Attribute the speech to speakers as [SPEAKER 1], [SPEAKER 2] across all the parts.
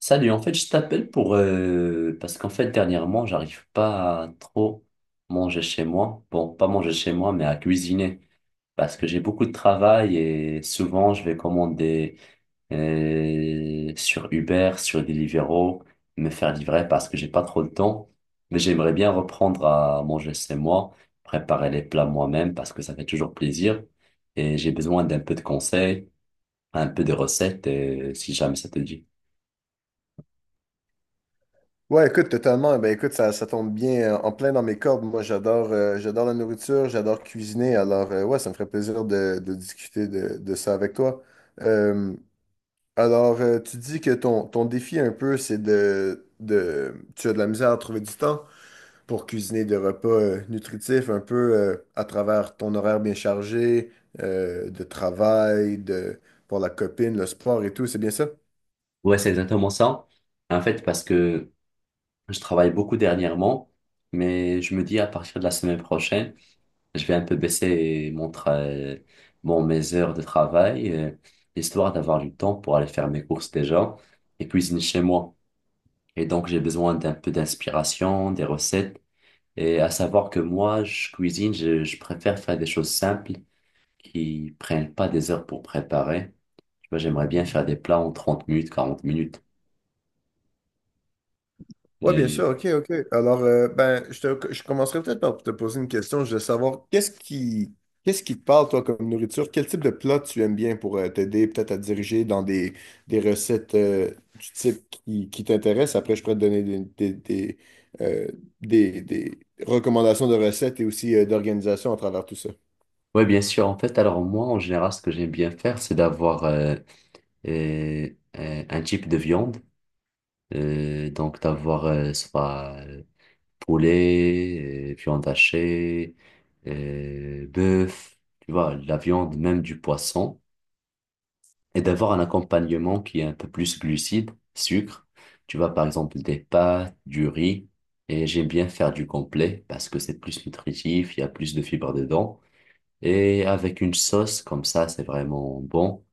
[SPEAKER 1] Salut, en fait, je t'appelle parce qu'en fait, dernièrement, j'arrive pas à trop manger chez moi. Bon, pas manger chez moi, mais à cuisiner. Parce que j'ai beaucoup de travail et souvent, je vais commander sur Uber, sur Deliveroo, me faire livrer parce que j'ai pas trop de temps. Mais j'aimerais bien reprendre à manger chez moi, préparer les plats moi-même parce que ça fait toujours plaisir. Et j'ai besoin d'un peu de conseils un peu de recettes, si jamais ça te dit.
[SPEAKER 2] Ouais, écoute, totalement. Ben, écoute, ça tombe bien en plein dans mes cordes. Moi, j'adore j'adore la nourriture, j'adore cuisiner. Alors, ouais, ça me ferait plaisir de discuter de ça avec toi. Euh, Tu dis que ton défi un peu, c'est de... Tu as de la misère à trouver du temps pour cuisiner des repas nutritifs un peu à travers ton horaire bien chargé, de travail, de, pour la copine, le sport et tout. C'est bien ça?
[SPEAKER 1] Ouais, c'est exactement ça. En fait, parce que je travaille beaucoup dernièrement, mais je me dis à partir de la semaine prochaine, je vais un peu baisser bon, mes heures de travail, histoire d'avoir du temps pour aller faire mes courses déjà et cuisiner chez moi. Et donc, j'ai besoin d'un peu d'inspiration, des recettes. Et à savoir que moi, je cuisine, je préfère faire des choses simples qui prennent pas des heures pour préparer. Tu vois, j'aimerais bien faire des plats en 30 minutes, 40 minutes.
[SPEAKER 2] Oui, bien
[SPEAKER 1] Et...
[SPEAKER 2] sûr, ok, ok. Alors, ben, je commencerai peut-être par te poser une question. Je veux savoir, qu'est-ce qui te parle, toi, comme nourriture? Quel type de plat tu aimes bien pour t'aider peut-être à te diriger dans des recettes du type qui t'intéresse? Après, je pourrais te donner euh, des recommandations de recettes et aussi d'organisation à travers tout ça.
[SPEAKER 1] Ouais, bien sûr. En fait, alors moi, en général, ce que j'aime bien faire, c'est d'avoir euh, un type de viande. Donc, d'avoir soit poulet, viande hachée, bœuf, tu vois, la viande, même du poisson. Et d'avoir un accompagnement qui est un peu plus glucide, sucre. Tu vois, par exemple, des pâtes, du riz. Et j'aime bien faire du complet parce que c'est plus nutritif, il y a plus de fibres dedans. Et avec une sauce comme ça, c'est vraiment bon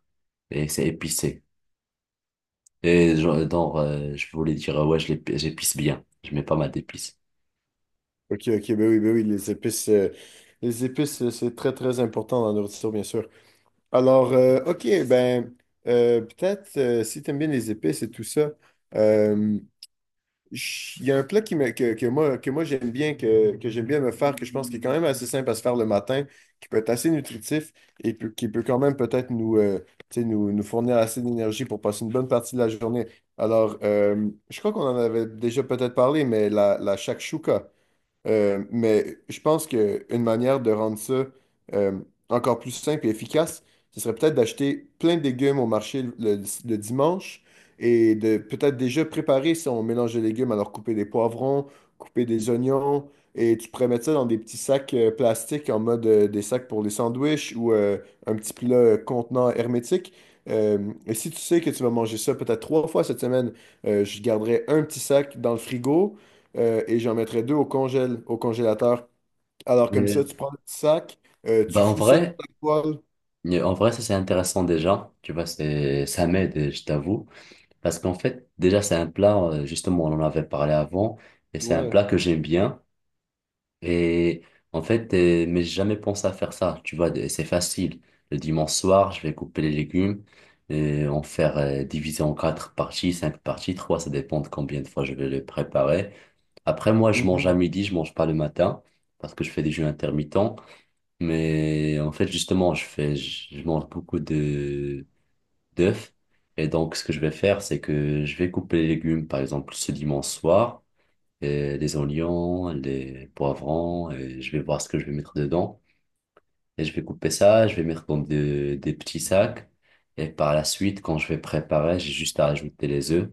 [SPEAKER 1] et c'est épicé. Et genre, je voulais dire, ouais, j'épice bien. Je mets pas mal d'épices.
[SPEAKER 2] Ok, ok, ben oui, les épices, les épices, c'est très, très important dans la nourriture, bien sûr. Alors, OK, ben, peut-être si tu aimes bien les épices et tout ça, euh, il y a un plat qui me- que moi j'aime bien, que j'aime bien me faire, que je pense qui est quand même assez simple à se faire le matin, qui peut être assez nutritif et qui peut quand même peut-être nous, tu sais, nous, nous fournir assez d'énergie pour passer une bonne partie de la journée. Alors, je crois qu'on en avait déjà peut-être parlé, mais la shakshuka. Mais je pense qu'une manière de rendre ça euh, encore plus simple et efficace, ce serait peut-être d'acheter plein de légumes au marché le dimanche et de peut-être déjà préparer son mélange de légumes, alors couper des poivrons, couper des oignons, et tu pourrais mettre ça dans des petits sacs plastiques en mode des sacs pour les sandwichs ou un petit plat contenant hermétique. Euh, et si tu sais que tu vas manger ça peut-être trois fois cette semaine, je garderai un petit sac dans le frigo et j'en mettrais deux au congèle, au congélateur. Alors comme ça,
[SPEAKER 1] Et-
[SPEAKER 2] tu prends le petit sac, tu
[SPEAKER 1] Bah, en
[SPEAKER 2] fous ça dans
[SPEAKER 1] vrai,
[SPEAKER 2] la poêle.
[SPEAKER 1] ça c'est intéressant déjà. Tu vois, ça m'aide, je t'avoue. Parce qu'en fait, déjà, c'est un plat, justement, on en avait parlé avant, et c'est un
[SPEAKER 2] Ouais.
[SPEAKER 1] plat que j'aime bien. Et en fait, mais j'ai jamais pensé à faire ça. Tu vois, de- c'est facile. Le dimanche soir, je vais couper les légumes et en faire diviser en quatre parties, cinq parties, trois, ça dépend de combien de fois je vais le préparer. Après, moi, je mange à
[SPEAKER 2] Mhm.
[SPEAKER 1] midi, je mange pas le matin parce que je fais des jeûnes intermittents. Mais en fait, justement, je mange beaucoup de, d'œufs. Et donc, ce que je vais faire, c'est que je vais couper les légumes, par exemple, ce dimanche soir, et les oignons, les poivrons, et je vais voir ce que je vais mettre dedans. Et je vais couper ça, je vais mettre des petits sacs. Et par la suite, quand je vais préparer, j'ai juste à ajouter les œufs.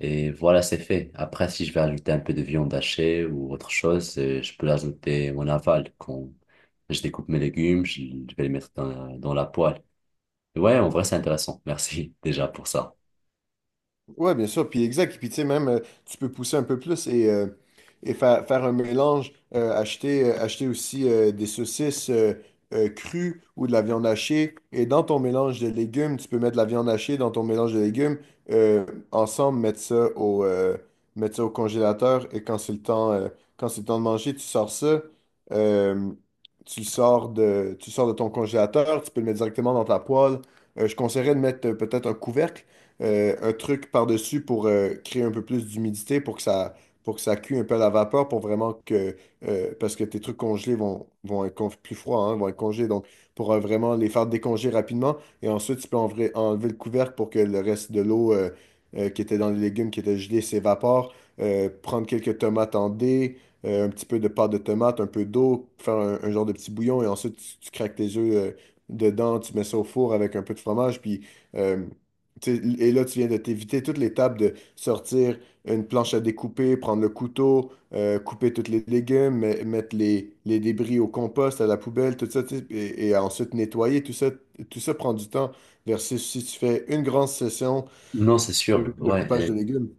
[SPEAKER 1] Et voilà, c'est fait. Après, si je vais ajouter un peu de viande hachée ou autre chose, je peux l'ajouter en aval. Quand je découpe mes légumes, je vais les mettre dans la poêle. Ouais, en vrai, c'est intéressant. Merci déjà pour ça.
[SPEAKER 2] Ouais, bien sûr, puis exact. Puis tu sais, même, tu peux pousser un peu plus et faire un mélange, acheter aussi des saucisses crues ou de la viande hachée. Et dans ton mélange de légumes, tu peux mettre de la viande hachée dans ton mélange de légumes. euh, ensemble, mettre ça au, mettre ça au congélateur et quand c'est le temps, quand c'est le temps de manger, tu sors ça. euh, Tu le sors de ton congélateur, tu peux le mettre directement dans ta poêle. Je conseillerais de mettre peut-être un couvercle un truc par-dessus pour créer un peu plus d'humidité, pour que ça cuit un peu à la vapeur, pour vraiment que parce que tes trucs congelés vont être plus froids, hein, vont être congelés, donc pour vraiment les faire décongeler rapidement. Et ensuite, tu peux enlever le couvercle pour que le reste de l'eau qui était dans les légumes, qui était gelée, s'évapore. Prendre quelques tomates en dés, un petit peu de pâte de tomate, un peu d'eau, faire un genre de petit bouillon, et ensuite, tu craques tes œufs dedans, tu mets ça au four avec un peu de fromage, puis... euh, Et là, tu viens de t'éviter toute l'étape de sortir une planche à découper, prendre le couteau, couper toutes les légumes, mettre les débris au compost, à la poubelle, tout ça, tu sais, et ensuite nettoyer, tout ça prend du temps versus si tu fais une grande session
[SPEAKER 1] Non, c'est sûr.
[SPEAKER 2] de
[SPEAKER 1] Ouais,
[SPEAKER 2] coupage de légumes.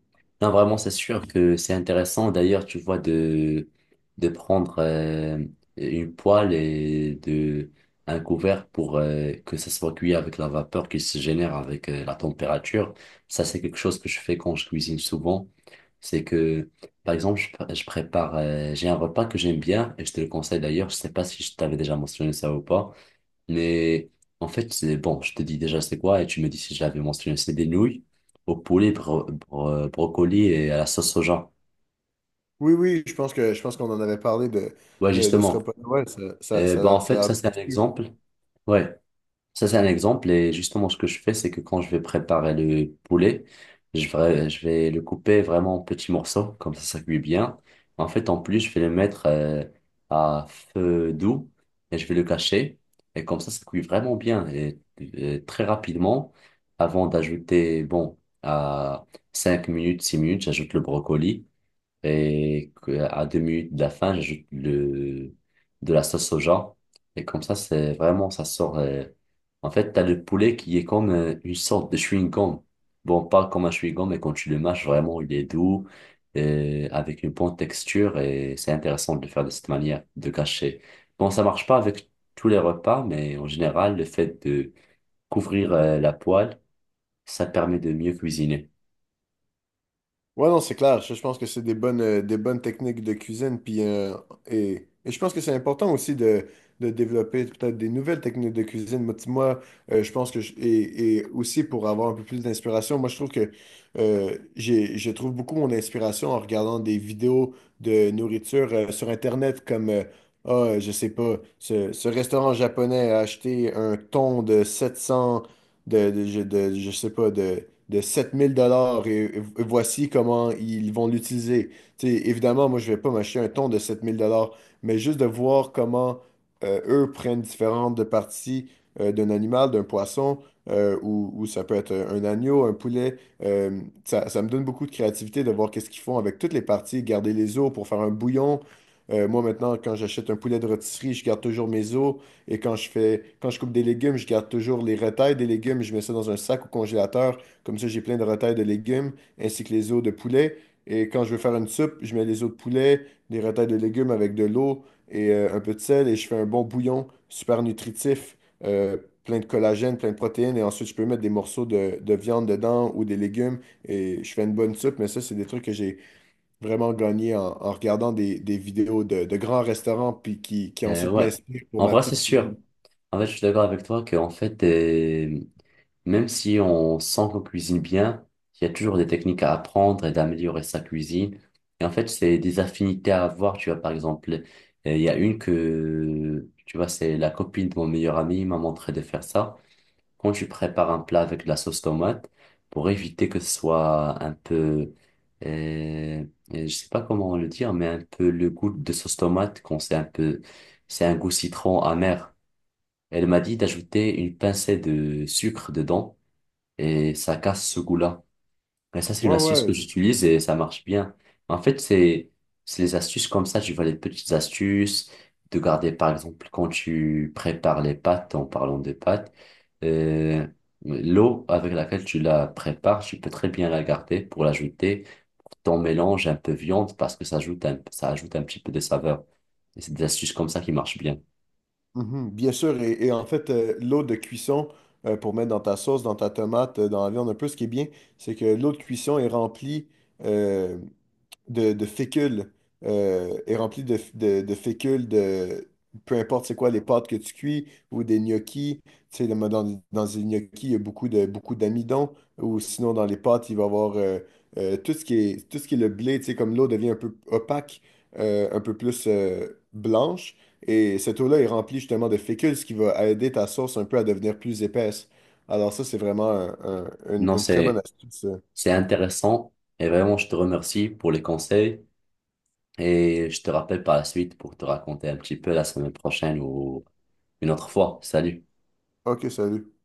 [SPEAKER 1] non, vraiment, c'est sûr que c'est intéressant. D'ailleurs, tu vois, de prendre une poêle et de, un couvert pour que ça soit cuit avec la vapeur qui se génère avec la température. Ça, c'est quelque chose que je fais quand je cuisine souvent. C'est que, par exemple, je prépare, j'ai un repas que j'aime bien et je te le conseille d'ailleurs. Je sais pas si je t'avais déjà mentionné ça ou pas. Mais en fait, c'est bon, je te dis déjà c'est quoi et tu me dis si je l'avais mentionné, c'est des nouilles au poulet, brocoli et à la sauce soja.
[SPEAKER 2] Oui, oui, je pense qu'on en avait parlé
[SPEAKER 1] Ouais,
[SPEAKER 2] de ce
[SPEAKER 1] justement.
[SPEAKER 2] repas. Ouais,
[SPEAKER 1] Et
[SPEAKER 2] ça a
[SPEAKER 1] ben en
[SPEAKER 2] l'air
[SPEAKER 1] fait, ça c'est un
[SPEAKER 2] délicieux.
[SPEAKER 1] exemple. Ouais. Ça, c'est un exemple. Et justement, ce que je fais, c'est que quand je vais préparer le poulet, je vais le couper vraiment en petits morceaux, comme ça cuit bien. En fait, en plus, je vais le mettre à feu doux et je vais le cacher. Et comme ça cuit vraiment bien et très rapidement. Avant d'ajouter, bon, à 5 minutes, 6 minutes, j'ajoute le brocoli à 2 minutes de la fin, j'ajoute de la sauce soja. Et comme ça, c'est vraiment, ça sort. En fait, t'as le poulet qui est comme une sorte de chewing-gum. Bon, pas comme un chewing-gum, mais quand tu le mâches, vraiment, il est doux, avec une bonne texture, et c'est intéressant de le faire de cette manière, de cacher. Bon, ça marche pas avec tous les repas, mais en général, le fait de couvrir la poêle, ça permet de mieux cuisiner.
[SPEAKER 2] Ouais, non, c'est clair. Je pense que c'est des bonnes techniques de cuisine. Puis, et je pense que c'est important aussi de développer peut-être des nouvelles techniques de cuisine. Je pense et aussi pour avoir un peu plus d'inspiration, moi, je trouve que je trouve beaucoup mon inspiration en regardant des vidéos de nourriture sur Internet comme, ah, je sais pas, ce restaurant japonais a acheté un thon de 700, de, de, je de- je sais pas, de 7 000 $ et voici comment ils vont l'utiliser. Tu sais, évidemment, moi, je vais pas m'acheter un ton de 7000 dollars, mais juste de voir comment eux prennent différentes de parties d'un animal, d'un poisson, ou ça peut être un agneau, un poulet. Ça, ça me donne beaucoup de créativité de voir qu'est-ce qu'ils font avec toutes les parties, garder les os pour faire un bouillon. Moi, maintenant, quand j'achète un poulet de rôtisserie, je garde toujours mes os. Et quand je coupe des légumes, je garde toujours les retailles des légumes. Je mets ça dans un sac au congélateur. Comme ça, j'ai plein de retails de légumes ainsi que les os de poulet. Et quand je veux faire une soupe, je mets les os de poulet, des retails de légumes avec de l'eau et un peu de sel et je fais un bon bouillon super nutritif, euh, plein de collagène, plein de protéines. Et ensuite, je peux mettre des morceaux de viande dedans ou des légumes et je fais une bonne soupe. Mais ça, c'est des trucs que j'ai vraiment gagné en regardant des vidéos de grands restaurants puis qui ensuite
[SPEAKER 1] Ouais,
[SPEAKER 2] m'inspirent pour
[SPEAKER 1] en
[SPEAKER 2] ma
[SPEAKER 1] vrai, c'est
[SPEAKER 2] petite
[SPEAKER 1] sûr.
[SPEAKER 2] cuisine.
[SPEAKER 1] En fait, je suis d'accord avec toi que, en fait, même si on sent qu'on cuisine bien, il y a toujours des techniques à apprendre et d'améliorer sa cuisine. Et en fait, c'est des affinités à avoir. Tu vois, par exemple, il y a une que, tu vois, c'est la copine de mon meilleur ami, il m'a montré de faire ça quand tu prépares un plat avec de la sauce tomate, pour éviter que ce soit un peu, euh, je sais pas comment le dire, mais un peu le goût de sauce tomate, quand c'est un peu, c'est un goût citron amer. Elle m'a dit d'ajouter une pincée de sucre dedans et ça casse ce goût-là. Mais ça, c'est une
[SPEAKER 2] Ouais,
[SPEAKER 1] astuce
[SPEAKER 2] ouais.
[SPEAKER 1] que j'utilise et ça marche bien. En fait, c'est les astuces comme ça. Tu vois les petites astuces de garder, par exemple, quand tu prépares les pâtes, en parlant de pâtes, euh, l'eau avec laquelle tu la prépares, tu peux très bien la garder pour l'ajouter. Ton mélange un peu viande parce que ça ajoute un petit peu de saveur. Et c'est des astuces comme ça qui marchent bien.
[SPEAKER 2] Mhm, bien sûr, et en fait, l'eau de cuisson pour mettre dans ta sauce, dans ta tomate, dans la viande un peu, ce qui est bien, c'est que l'eau de cuisson est remplie euh, de fécule est rempli de fécule de peu importe c'est quoi les pâtes que tu cuis ou des gnocchis. Tu sais, dans les gnocchis, il y a beaucoup d'amidon. Ou sinon, dans les pâtes, il va y avoir tout ce qui est, tout ce qui est le blé. Tu sais, comme l'eau devient un peu opaque, un peu plus blanche. Et cette eau-là est remplie justement de fécule, ce qui va aider ta sauce un peu à devenir plus épaisse. Alors ça, c'est vraiment
[SPEAKER 1] Non,
[SPEAKER 2] une très bonne astuce.
[SPEAKER 1] c'est intéressant et vraiment, je te remercie pour les conseils. Et je te rappelle par la suite pour te raconter un petit peu la semaine prochaine ou une autre fois. Salut.
[SPEAKER 2] Ok, salut.